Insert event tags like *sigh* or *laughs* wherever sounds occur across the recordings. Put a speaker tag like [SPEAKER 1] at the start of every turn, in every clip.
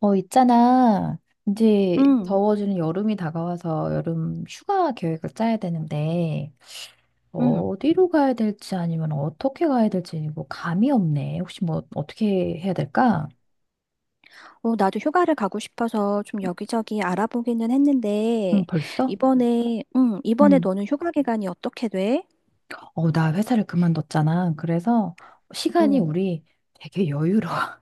[SPEAKER 1] 있잖아. 이제
[SPEAKER 2] 응,
[SPEAKER 1] 더워지는 여름이 다가와서 여름 휴가 계획을 짜야 되는데,
[SPEAKER 2] 응.
[SPEAKER 1] 어디로 가야 될지 아니면 어떻게 가야 될지 뭐 감이 없네. 혹시 뭐 어떻게 해야 될까?
[SPEAKER 2] 나도 휴가를 가고 싶어서 좀 여기저기 알아보기는
[SPEAKER 1] 응,
[SPEAKER 2] 했는데,
[SPEAKER 1] 벌써?
[SPEAKER 2] 이번에
[SPEAKER 1] 응.
[SPEAKER 2] 너는 휴가 기간이 어떻게 돼?
[SPEAKER 1] 나 회사를 그만뒀잖아. 그래서 시간이
[SPEAKER 2] 오,
[SPEAKER 1] 우리 되게 여유로워. *laughs*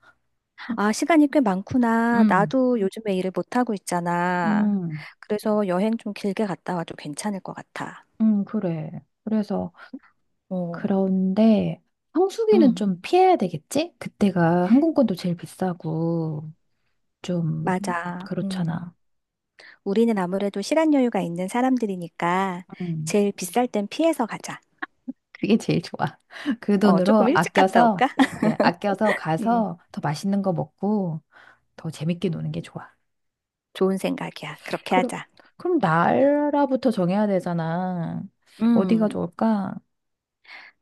[SPEAKER 2] 아, 시간이 꽤 많구나.
[SPEAKER 1] 응,
[SPEAKER 2] 나도 요즘에 일을 못하고 있잖아.
[SPEAKER 1] 응,
[SPEAKER 2] 그래서 여행 좀 길게 갔다 와도 괜찮을 것 같아.
[SPEAKER 1] 응, 그래. 그래서
[SPEAKER 2] 어,
[SPEAKER 1] 그런데 성수기는
[SPEAKER 2] 응,
[SPEAKER 1] 좀 피해야 되겠지? 그때가 항공권도 제일 비싸고. 좀
[SPEAKER 2] 맞아. 응.
[SPEAKER 1] 그렇잖아.
[SPEAKER 2] 우리는 아무래도 시간 여유가 있는 사람들이니까
[SPEAKER 1] 음,
[SPEAKER 2] 제일 비쌀 땐 피해서 가자.
[SPEAKER 1] 그게 제일 좋아. *laughs* 그 돈으로
[SPEAKER 2] 조금 일찍 갔다
[SPEAKER 1] 아껴서,
[SPEAKER 2] 올까? *laughs*
[SPEAKER 1] 그래, 아껴서
[SPEAKER 2] 응,
[SPEAKER 1] 가서 더 맛있는 거 먹고 더 재밌게 노는 게 좋아.
[SPEAKER 2] 좋은 생각이야. 그렇게
[SPEAKER 1] 그럼
[SPEAKER 2] 하자.
[SPEAKER 1] 그럼 나라부터 정해야 되잖아. 어디가
[SPEAKER 2] 음.
[SPEAKER 1] 좋을까?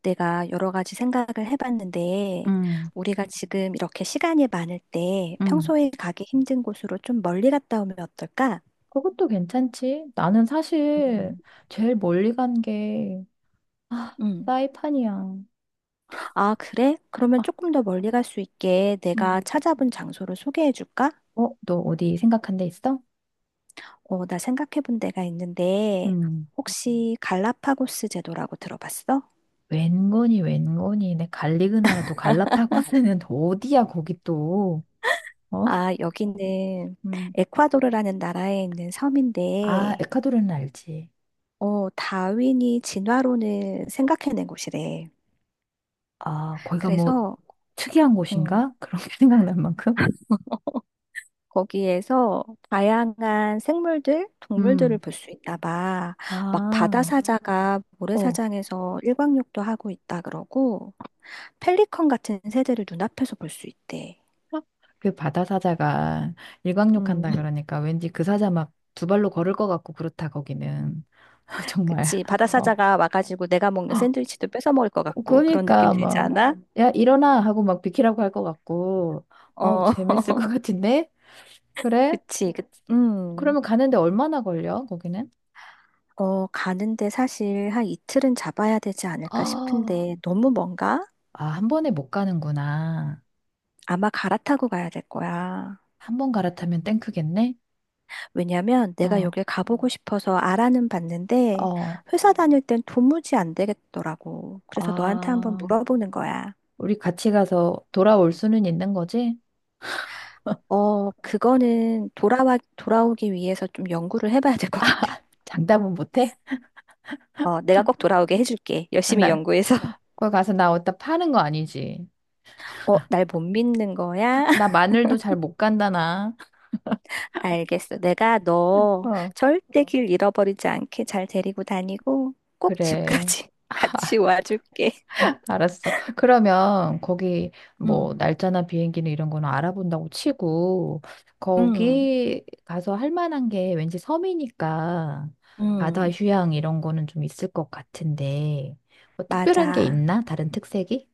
[SPEAKER 2] 내가 여러 가지 생각을 해봤는데,
[SPEAKER 1] 음,
[SPEAKER 2] 우리가 지금 이렇게 시간이 많을 때
[SPEAKER 1] 음.
[SPEAKER 2] 평소에 가기 힘든 곳으로 좀 멀리 갔다 오면 어떨까?
[SPEAKER 1] 그것도 괜찮지. 나는 사실
[SPEAKER 2] 음.
[SPEAKER 1] 제일 멀리 간 게, 아,
[SPEAKER 2] 음.
[SPEAKER 1] 사이판이야.
[SPEAKER 2] 아, 그래? 그러면 조금 더 멀리 갈 수 있게 내가
[SPEAKER 1] 음.
[SPEAKER 2] 찾아본 장소를 소개해 줄까?
[SPEAKER 1] 너 어디 생각한 데 있어?
[SPEAKER 2] 나 생각해 본 데가 있는데,
[SPEAKER 1] 음.
[SPEAKER 2] 혹시 갈라파고스 제도라고 들어봤어?
[SPEAKER 1] 웬건이 내 갈리그나라도 갈라파고스는 *laughs* 어디야 거기 또. 어?
[SPEAKER 2] 아, 여기는
[SPEAKER 1] 음.
[SPEAKER 2] 에콰도르라는 나라에 있는
[SPEAKER 1] 아,
[SPEAKER 2] 섬인데,
[SPEAKER 1] 에콰도르는 알지.
[SPEAKER 2] 다윈이 진화론을 생각해낸 곳이래.
[SPEAKER 1] 아, 거기가 뭐
[SPEAKER 2] 그래서
[SPEAKER 1] 특이한
[SPEAKER 2] 어,
[SPEAKER 1] 곳인가? 그런 게 *laughs* 생각날 만큼.
[SPEAKER 2] 거기에서 다양한 생물들, 동물들을
[SPEAKER 1] 음.
[SPEAKER 2] 볼 수 있나 봐. 막
[SPEAKER 1] 아.
[SPEAKER 2] 바다사자가
[SPEAKER 1] 어.
[SPEAKER 2] 모래사장에서 일광욕도 하고 있다 그러고, 펠리컨 같은 새들을 눈앞에서 볼 수 있대.
[SPEAKER 1] 그 바다 사자가
[SPEAKER 2] 음,
[SPEAKER 1] 일광욕한다
[SPEAKER 2] *laughs*
[SPEAKER 1] 그러니까 왠지 그 사자 막 두 발로 걸을 것 같고 그렇다 거기는. *laughs* 정말.
[SPEAKER 2] 그치.
[SPEAKER 1] 어.
[SPEAKER 2] 바다사자가 와가지고 내가 먹는
[SPEAKER 1] 어,
[SPEAKER 2] 샌드위치도 뺏어 먹을 것 같고, 그런 느낌
[SPEAKER 1] 그러니까
[SPEAKER 2] 들지
[SPEAKER 1] 막
[SPEAKER 2] 않아?
[SPEAKER 1] 야, 일어나 하고 막 비키라고 할 것 같고. 어우,
[SPEAKER 2] 어,
[SPEAKER 1] 재밌을 것
[SPEAKER 2] *laughs*
[SPEAKER 1] 같은데? 그래?
[SPEAKER 2] 그치. 그, 음.
[SPEAKER 1] 그러면 가는데 얼마나 걸려, 거기는?
[SPEAKER 2] 가는데 사실 한 이틀은 잡아야 되지 않을까
[SPEAKER 1] 아,
[SPEAKER 2] 싶은데, 너무 먼가?
[SPEAKER 1] 아, 한 번에 못 가는구나.
[SPEAKER 2] 아마 갈아타고 가야 될 거야.
[SPEAKER 1] 한 번 갈아타면 땡크겠네?
[SPEAKER 2] 왜냐면 내가
[SPEAKER 1] 어,
[SPEAKER 2] 여길 가보고 싶어서 알아는 봤는데
[SPEAKER 1] 어,
[SPEAKER 2] 회사 다닐 땐 도무지 안 되겠더라고. 그래서 너한테 한번
[SPEAKER 1] 아.
[SPEAKER 2] 물어보는 거야.
[SPEAKER 1] 우리 같이 가서 돌아올 수는 있는 거지?
[SPEAKER 2] 그거는 돌아오기 위해서 좀 연구를 해봐야 될 것 같아.
[SPEAKER 1] 장담은 못 해?
[SPEAKER 2] 내가 꼭 돌아오게 해줄게. 열심히
[SPEAKER 1] 나,
[SPEAKER 2] 연구해서. *laughs*
[SPEAKER 1] 거기 가서 나 어디다 파는 거 아니지?
[SPEAKER 2] 날 못 믿는 거야?
[SPEAKER 1] 나
[SPEAKER 2] *laughs*
[SPEAKER 1] 마늘도 잘 못 간다, 나.
[SPEAKER 2] 알겠어. 내가
[SPEAKER 1] *laughs*
[SPEAKER 2] 너
[SPEAKER 1] 어,
[SPEAKER 2] 절대 길 잃어버리지 않게 잘 데리고 다니고 꼭
[SPEAKER 1] 그래.
[SPEAKER 2] 집까지 *laughs* 같이 와줄게.
[SPEAKER 1] 알았어. 그러면 거기 뭐
[SPEAKER 2] 응,
[SPEAKER 1] 날짜나 비행기는 이런 거는 알아본다고 치고
[SPEAKER 2] 응,
[SPEAKER 1] 거기 가서 할 만한 게 왠지 섬이니까 바다
[SPEAKER 2] 응.
[SPEAKER 1] 휴양 이런 거는 좀 있을 것 같은데 뭐 특별한 게
[SPEAKER 2] 맞아.
[SPEAKER 1] 있나? 다른 특색이?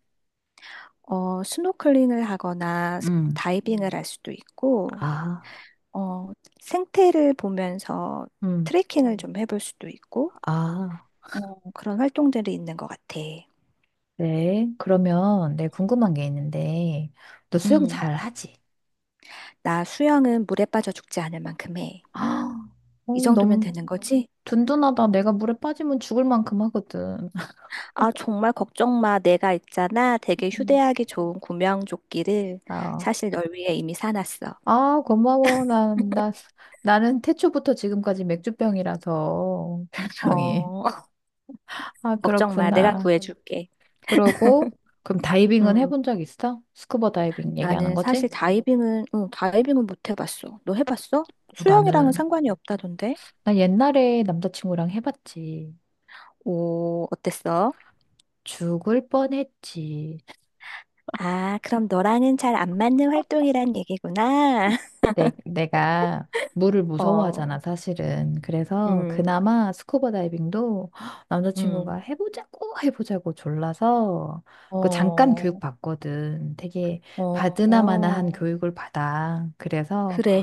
[SPEAKER 2] 스노클링을 하거나
[SPEAKER 1] 음,
[SPEAKER 2] 다이빙을 할 수도 있고,
[SPEAKER 1] 아,
[SPEAKER 2] 어, 생태를 보면서
[SPEAKER 1] 음.
[SPEAKER 2] 트레킹을 좀 해볼 수도 있고,
[SPEAKER 1] 아,
[SPEAKER 2] 그런 활동들이 있는 것 같아.
[SPEAKER 1] 그 그러면 내가 궁금한 게 있는데 너 수영
[SPEAKER 2] 음,
[SPEAKER 1] 잘 하지?
[SPEAKER 2] 나 수영은 물에 빠져 죽지 않을 만큼 해.
[SPEAKER 1] 아, *gasps*
[SPEAKER 2] 이 정도면
[SPEAKER 1] 너무
[SPEAKER 2] 되는 거지?
[SPEAKER 1] 든든하다. 내가 물에 빠지면 죽을 만큼 하거든. *laughs*
[SPEAKER 2] 아, 정말 걱정 마. 내가 있잖아. 되게
[SPEAKER 1] 음.
[SPEAKER 2] 휴대하기 좋은 구명조끼를
[SPEAKER 1] 아,
[SPEAKER 2] 사실 널 위해 이미 사놨어.
[SPEAKER 1] 아, 고마워. 나는 태초부터 지금까지 맥주병이라서, *laughs* 별명이.
[SPEAKER 2] 어, *laughs*
[SPEAKER 1] 아,
[SPEAKER 2] 걱정 마. 아, 내가
[SPEAKER 1] 그렇구나.
[SPEAKER 2] 구해줄게.
[SPEAKER 1] 그러고, 그럼 다이빙은
[SPEAKER 2] 음.
[SPEAKER 1] 해본 적 있어? 스쿠버 다이빙 얘기하는
[SPEAKER 2] 나는 사실
[SPEAKER 1] 거지?
[SPEAKER 2] 다이빙은 못 해봤어. 너 해봤어?
[SPEAKER 1] 어,
[SPEAKER 2] 수영이랑은
[SPEAKER 1] 나는,
[SPEAKER 2] 상관이 없다던데?
[SPEAKER 1] 나 옛날에 남자친구랑 해봤지.
[SPEAKER 2] 오, 어땠어?
[SPEAKER 1] 죽을 뻔했지.
[SPEAKER 2] 아, 그럼 너랑은 잘 안 맞는 활동이란 얘기구나. *laughs*
[SPEAKER 1] 내가 물을 무서워하잖아,
[SPEAKER 2] 어,
[SPEAKER 1] 사실은. 그래서
[SPEAKER 2] 음,
[SPEAKER 1] 그나마 스쿠버 다이빙도 남자친구가
[SPEAKER 2] 음,
[SPEAKER 1] 해보자고 해보자고 졸라서 그 잠깐
[SPEAKER 2] 어,
[SPEAKER 1] 교육 받거든. 되게
[SPEAKER 2] 어,
[SPEAKER 1] 받으나마나한
[SPEAKER 2] 어.
[SPEAKER 1] 교육을 받아.
[SPEAKER 2] 그래,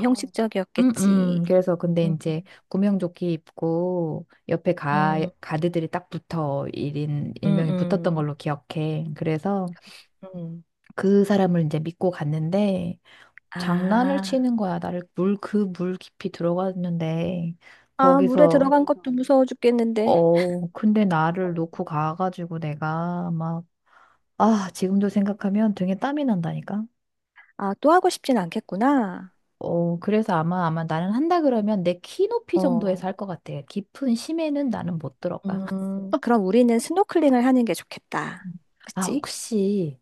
[SPEAKER 1] 음,
[SPEAKER 2] 형식적이었겠지.
[SPEAKER 1] 그래서 근데
[SPEAKER 2] 음,
[SPEAKER 1] 이제 구명조끼 입고 옆에 가,
[SPEAKER 2] 음,
[SPEAKER 1] 가드들이 딱 붙어. 일인
[SPEAKER 2] 음,
[SPEAKER 1] 일명이 붙었던
[SPEAKER 2] 음.
[SPEAKER 1] 걸로 기억해. 그래서
[SPEAKER 2] 음.
[SPEAKER 1] 그 사람을 이제 믿고 갔는데 장난을
[SPEAKER 2] 아,
[SPEAKER 1] 치는 거야. 나를 그 물 깊이 들어갔는데,
[SPEAKER 2] 아, 물에
[SPEAKER 1] 거기서,
[SPEAKER 2] 들어간 것도 무서워 죽겠는데.
[SPEAKER 1] 근데 나를 놓고 가가지고 내가 막, 아, 지금도 생각하면 등에 땀이 난다니까?
[SPEAKER 2] 아, 또 하고 싶진 않겠구나.
[SPEAKER 1] 그래서 아마 나는 한다 그러면 내 키 높이
[SPEAKER 2] 어,
[SPEAKER 1] 정도에서 할 것 같아. 깊은 심해는 나는 못 들어가.
[SPEAKER 2] 그럼 우리는 스노클링을 하는 게 좋겠다.
[SPEAKER 1] 음. 아,
[SPEAKER 2] 그치?
[SPEAKER 1] 혹시,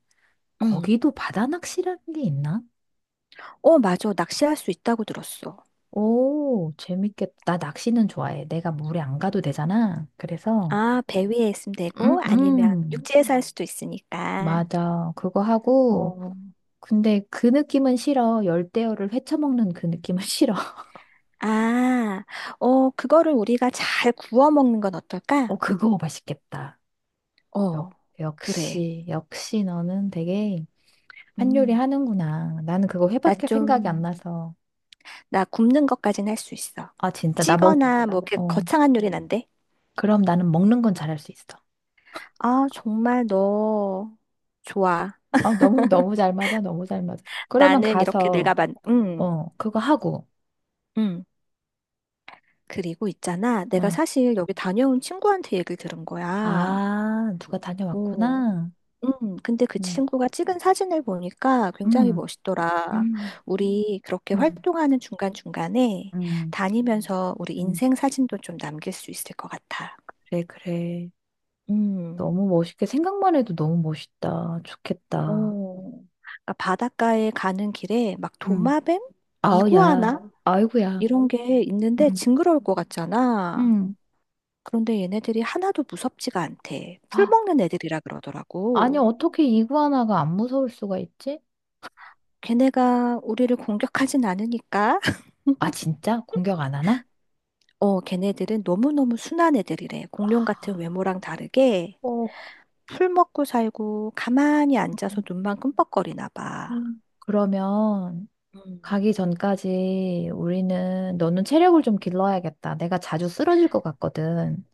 [SPEAKER 2] 응.
[SPEAKER 1] 거기도 바다 낚시라는 게 있나?
[SPEAKER 2] 맞아. 낚시할 수 있다고 들었어.
[SPEAKER 1] 오, 재밌겠다. 나 낚시는 좋아해. 내가 물에 안 가도 되잖아. 그래서,
[SPEAKER 2] 아, 배 위에 있으면
[SPEAKER 1] 음,
[SPEAKER 2] 되고, 아니면
[SPEAKER 1] 음.
[SPEAKER 2] 육지에서 할 수도 있으니까.
[SPEAKER 1] 맞아. 그거 하고,
[SPEAKER 2] 어,
[SPEAKER 1] 근데 그 느낌은 싫어. 열대어를 헤쳐먹는 그 느낌은 *laughs* 싫어.
[SPEAKER 2] 아, 그거를 우리가 잘 구워 먹는 건 어떨까?
[SPEAKER 1] 어, 그거 맛있겠다. 역,
[SPEAKER 2] 어, 그래.
[SPEAKER 1] 역시 너는 되게 한 요리
[SPEAKER 2] 음,
[SPEAKER 1] 하는구나. 나는 그거
[SPEAKER 2] 나
[SPEAKER 1] 회밖에 생각이 안
[SPEAKER 2] 좀,
[SPEAKER 1] 나서.
[SPEAKER 2] 나 굽는 것까진 할 수 있어.
[SPEAKER 1] 아, 진짜,
[SPEAKER 2] 찌거나 뭐, 이렇게
[SPEAKER 1] 어,
[SPEAKER 2] 거창한 요리는 안 돼.
[SPEAKER 1] 그럼 나는 먹는 건 잘할 수 있어.
[SPEAKER 2] 아, 정말 너, 좋아.
[SPEAKER 1] 너무, 너무 잘 맞아. 너무 잘 맞아. 그러면
[SPEAKER 2] 나는 이렇게 내가
[SPEAKER 1] 가서,
[SPEAKER 2] 응,
[SPEAKER 1] 그거 하고,
[SPEAKER 2] 응. 그리고 있잖아, 내가
[SPEAKER 1] 어,
[SPEAKER 2] 사실 여기 다녀온 친구한테 얘기를 들은 거야.
[SPEAKER 1] 아, 누가
[SPEAKER 2] 오,
[SPEAKER 1] 다녀왔구나.
[SPEAKER 2] 근데 그
[SPEAKER 1] 음,
[SPEAKER 2] 친구가 찍은 사진을 보니까 굉장히
[SPEAKER 1] 음,
[SPEAKER 2] 멋있더라.
[SPEAKER 1] 음,
[SPEAKER 2] 우리 그렇게
[SPEAKER 1] 음,
[SPEAKER 2] 활동하는 중간중간에
[SPEAKER 1] 음.
[SPEAKER 2] 다니면서 우리
[SPEAKER 1] 음.
[SPEAKER 2] 인생 사진도 좀 남길 수 있을 것 같아.
[SPEAKER 1] 그래, 그래.
[SPEAKER 2] 음.
[SPEAKER 1] 너무 멋있게 생각만 해도 너무 멋있다. 좋겠다.
[SPEAKER 2] 오. 그러니까 바닷가에 가는 길에 막
[SPEAKER 1] 응,
[SPEAKER 2] 도마뱀?
[SPEAKER 1] 아우,
[SPEAKER 2] 이구아나?
[SPEAKER 1] 야. 아이고야.
[SPEAKER 2] 이런 게 있는데
[SPEAKER 1] 응,
[SPEAKER 2] 징그러울 것 같잖아.
[SPEAKER 1] 응.
[SPEAKER 2] 그런데 얘네들이 하나도 무섭지가 않대. 풀
[SPEAKER 1] 아,
[SPEAKER 2] 먹는 애들이라
[SPEAKER 1] 아니,
[SPEAKER 2] 그러더라고.
[SPEAKER 1] 어떻게 이구아나가 안 무서울 수가 있지?
[SPEAKER 2] 걔네가 우리를 공격하진 않으니까. *laughs*
[SPEAKER 1] 아, 진짜? 공격 안 하나?
[SPEAKER 2] 어, 걔네들은 너무너무 순한 애들이래. 공룡 같은 외모랑 다르게
[SPEAKER 1] 어,
[SPEAKER 2] 풀 먹고 살고 가만히 앉아서 눈만 끔뻑거리나 봐.
[SPEAKER 1] 그러면
[SPEAKER 2] 음.
[SPEAKER 1] 가기 전까지 우리는 너는 체력을 좀 길러야겠다. 내가 자주 쓰러질 것 같거든.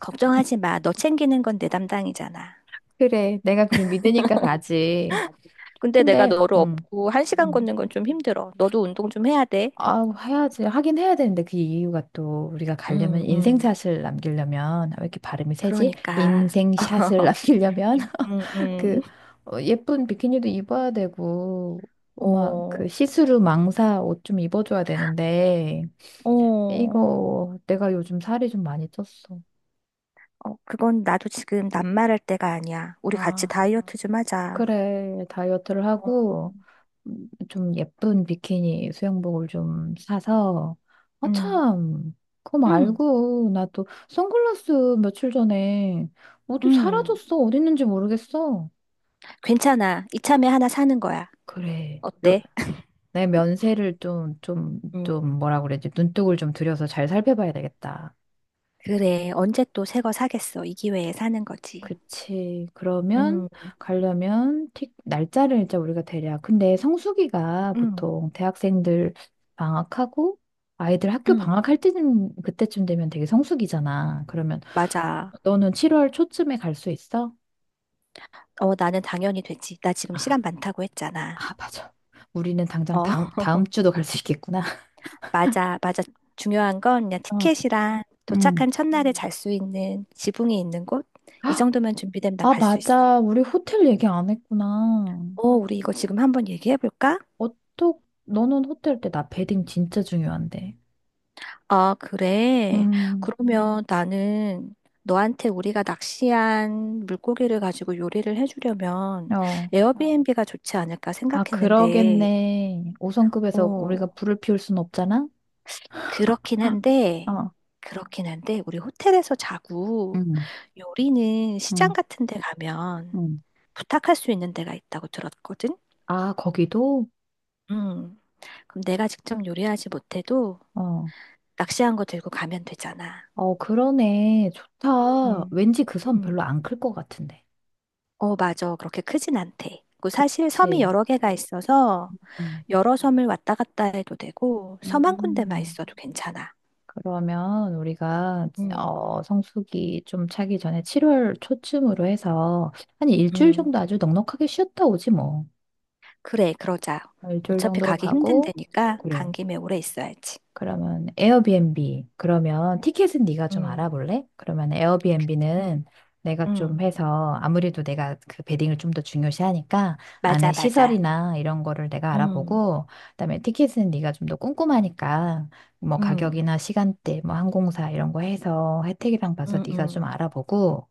[SPEAKER 2] 걱정하지 마. 너 챙기는 건 내 담당이잖아.
[SPEAKER 1] 그래, 내가 그럼 믿으니까 가지.
[SPEAKER 2] 근데 내가
[SPEAKER 1] 근데,
[SPEAKER 2] 너를
[SPEAKER 1] 응.
[SPEAKER 2] 업고 1시간 걷는 건 좀 힘들어. 너도 운동 좀 해야 돼.
[SPEAKER 1] 아, 해야지. 하긴 해야 되는데 그 이유가 또 우리가 가려면
[SPEAKER 2] 음, 음.
[SPEAKER 1] 인생샷을 남기려면 왜 이렇게 발음이 세지?
[SPEAKER 2] 그러니까.
[SPEAKER 1] 인생샷을 *laughs*
[SPEAKER 2] *laughs*
[SPEAKER 1] 남기려면
[SPEAKER 2] 음,
[SPEAKER 1] *laughs* 그
[SPEAKER 2] 음.
[SPEAKER 1] 예쁜 비키니도 입어야 되고 막 그
[SPEAKER 2] 어.
[SPEAKER 1] 시스루 망사 옷 좀 입어줘야 되는데
[SPEAKER 2] 어, 어,
[SPEAKER 1] 이거 내가 요즘 살이 좀 많이 쪘어.
[SPEAKER 2] 그건 나도 지금 낱말할 때가 아니야. 우리 같이
[SPEAKER 1] 아,
[SPEAKER 2] 다이어트 좀 하자.
[SPEAKER 1] 그래 다이어트를
[SPEAKER 2] 어,
[SPEAKER 1] 하고 좀 예쁜 비키니 수영복을 좀 사서 아
[SPEAKER 2] 음,
[SPEAKER 1] 참 그거
[SPEAKER 2] 응,
[SPEAKER 1] 말고 나 또 선글라스 며칠 전에 어디
[SPEAKER 2] 응.
[SPEAKER 1] 사라졌어 어디 있는지 모르겠어
[SPEAKER 2] 괜찮아. 이참에 하나 사는 거야.
[SPEAKER 1] 그래 며,
[SPEAKER 2] 어때?
[SPEAKER 1] 내 면세를 좀 좀
[SPEAKER 2] 음,
[SPEAKER 1] 좀 뭐라 그래야지 눈독을 좀 들여서 잘 살펴봐야 되겠다
[SPEAKER 2] 그래. 언제 또 새 거 사겠어. 이 기회에 사는 거지.
[SPEAKER 1] 그치. 그러면
[SPEAKER 2] 음,
[SPEAKER 1] 가려면 틱 날짜를 일단 우리가 대략. 근데 성수기가
[SPEAKER 2] 응,
[SPEAKER 1] 보통 대학생들 방학하고 아이들 학교
[SPEAKER 2] 응.
[SPEAKER 1] 방학할 때는 그때쯤 되면 되게 성수기잖아. 그러면
[SPEAKER 2] 맞아.
[SPEAKER 1] 너는 7월 초쯤에 갈 수 있어?
[SPEAKER 2] 나는 당연히 되지. 나 지금 시간
[SPEAKER 1] 아,
[SPEAKER 2] 많다고 했잖아.
[SPEAKER 1] 아, 맞아. 우리는 당장
[SPEAKER 2] 어,
[SPEAKER 1] 다음 다음
[SPEAKER 2] *laughs*
[SPEAKER 1] 주도 갈 수 있겠구나. *laughs*
[SPEAKER 2] 맞아, 맞아. 중요한 건 그냥
[SPEAKER 1] 어,
[SPEAKER 2] 티켓이랑
[SPEAKER 1] 음.
[SPEAKER 2] 도착한 첫날에 잘 수 있는 지붕이 있는 곳? 이 정도면 준비되면 난
[SPEAKER 1] 아,
[SPEAKER 2] 갈 수 있어.
[SPEAKER 1] 맞아. 우리 호텔 얘기 안 했구나.
[SPEAKER 2] 우리 이거 지금 한번 얘기해 볼까?
[SPEAKER 1] 어떡? 너는 호텔 때 나 베딩 진짜 중요한데.
[SPEAKER 2] 아, 그래.
[SPEAKER 1] 음.
[SPEAKER 2] 그러면 나는 너한테 우리가 낚시한 물고기를 가지고 요리를 해주려면
[SPEAKER 1] 어.
[SPEAKER 2] 에어비앤비가 좋지 않을까
[SPEAKER 1] 아,
[SPEAKER 2] 생각했는데,
[SPEAKER 1] 그러겠네. 5성급에서 우리가
[SPEAKER 2] 어,
[SPEAKER 1] 불을 피울 순 없잖아?
[SPEAKER 2] 그렇긴 한데,
[SPEAKER 1] 어.
[SPEAKER 2] 그렇긴 한데, 우리 호텔에서 자고
[SPEAKER 1] 응,
[SPEAKER 2] 요리는 시장
[SPEAKER 1] 응,
[SPEAKER 2] 같은 데 가면
[SPEAKER 1] 응.
[SPEAKER 2] 부탁할 수 있는 데가 있다고 들었거든?
[SPEAKER 1] 아, 거기도?
[SPEAKER 2] 음, 그럼 내가 직접 요리하지 못해도
[SPEAKER 1] 어.
[SPEAKER 2] 낚시한 거 들고 가면 되잖아.
[SPEAKER 1] 어, 그러네. 좋다.
[SPEAKER 2] 음.
[SPEAKER 1] 왠지 그 선
[SPEAKER 2] 음.
[SPEAKER 1] 별로 안 클 것 같은데.
[SPEAKER 2] 어, 맞아. 그렇게 크진 않대. 그 사실 섬이
[SPEAKER 1] 그치.
[SPEAKER 2] 여러 개가 있어서
[SPEAKER 1] 음,
[SPEAKER 2] 여러 섬을 왔다 갔다 해도 되고 섬 한 군데만
[SPEAKER 1] 음.
[SPEAKER 2] 있어도 괜찮아.
[SPEAKER 1] 그러면 우리가
[SPEAKER 2] 음,
[SPEAKER 1] 성수기 좀 차기 전에 7월 초쯤으로 해서 한 일주일
[SPEAKER 2] 음.
[SPEAKER 1] 정도 아주 넉넉하게 쉬었다 오지 뭐.
[SPEAKER 2] 그래, 그러자.
[SPEAKER 1] 어, 일주일
[SPEAKER 2] 어차피
[SPEAKER 1] 정도
[SPEAKER 2] 가기 힘든
[SPEAKER 1] 가고,
[SPEAKER 2] 데니까
[SPEAKER 1] 그래.
[SPEAKER 2] 간 김에 오래 있어야지.
[SPEAKER 1] 그러면 에어비앤비. 그러면 티켓은 네가 좀
[SPEAKER 2] 음,
[SPEAKER 1] 알아볼래? 그러면
[SPEAKER 2] 음,
[SPEAKER 1] 에어비앤비는 내가 좀
[SPEAKER 2] 음.
[SPEAKER 1] 해서 아무래도 내가 그 베딩을 좀 더 중요시하니까 안에
[SPEAKER 2] 맞아, 맞아.
[SPEAKER 1] 시설이나 이런 거를 내가
[SPEAKER 2] 음,
[SPEAKER 1] 알아보고 그다음에 티켓은 네가 좀 더 꼼꼼하니까 뭐
[SPEAKER 2] 음,
[SPEAKER 1] 가격이나 시간대, 뭐 항공사 이런 거 해서 혜택이랑 봐서
[SPEAKER 2] 음,
[SPEAKER 1] 네가 좀
[SPEAKER 2] 음,
[SPEAKER 1] 알아보고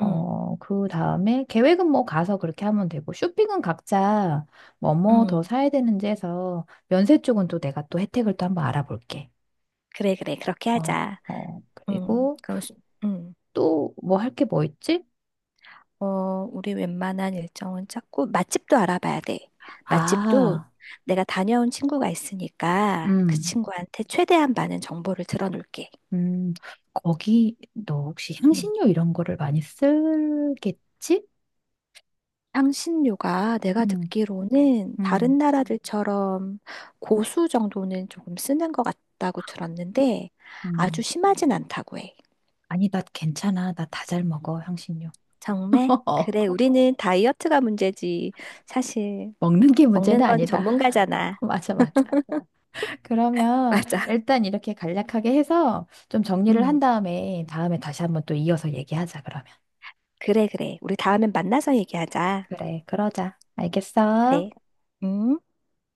[SPEAKER 2] 음,
[SPEAKER 1] 그 다음에 계획은 뭐 가서 그렇게 하면 되고 쇼핑은 각자 뭐 더
[SPEAKER 2] 음.
[SPEAKER 1] 사야 되는지 해서 면세 쪽은 또 내가 또 혜택을 또 한번 알아볼게.
[SPEAKER 2] 그래, 그래. 그렇게
[SPEAKER 1] 어,
[SPEAKER 2] 하자.
[SPEAKER 1] 그리고
[SPEAKER 2] 그럼, 음.
[SPEAKER 1] 또 뭐 할 게 뭐 있지?
[SPEAKER 2] 어, 우리 웬만한 일정은 짰고, 맛집도 알아봐야 돼. 맛집도
[SPEAKER 1] 아,
[SPEAKER 2] 내가 다녀온 친구가 있으니까 그
[SPEAKER 1] 음,
[SPEAKER 2] 친구한테 최대한 많은 정보를 들어놓을게.
[SPEAKER 1] 음, 거기 너 혹시
[SPEAKER 2] 음.
[SPEAKER 1] 향신료 이런 거를 많이 쓰겠지?
[SPEAKER 2] 향신료가 내가
[SPEAKER 1] 음,
[SPEAKER 2] 듣기로는
[SPEAKER 1] 음,
[SPEAKER 2] 다른 나라들처럼 고수 정도는 조금 쓰는 것 같다고 들었는데 아주
[SPEAKER 1] 음.
[SPEAKER 2] 심하진 않다고 해.
[SPEAKER 1] 아니, 나 괜찮아. 나 다 잘 먹어, 향신료.
[SPEAKER 2] 정말? 그래,
[SPEAKER 1] *laughs*
[SPEAKER 2] 우리는 다이어트가 문제지. 사실
[SPEAKER 1] 먹는 게
[SPEAKER 2] 먹는
[SPEAKER 1] 문제는
[SPEAKER 2] 건
[SPEAKER 1] 아니다. *laughs*
[SPEAKER 2] 전문가잖아.
[SPEAKER 1] 맞아, 맞아.
[SPEAKER 2] *laughs*
[SPEAKER 1] 그러면
[SPEAKER 2] 맞아.
[SPEAKER 1] 일단 이렇게 간략하게 해서 좀 정리를 한
[SPEAKER 2] 음,
[SPEAKER 1] 다음에 다음에 다시 한번 또 이어서 얘기하자, 그러면.
[SPEAKER 2] 그래, 그래. 우리 다음엔 만나서 얘기하자.
[SPEAKER 1] 그래, 그러자. 알겠어?
[SPEAKER 2] 그래. 음.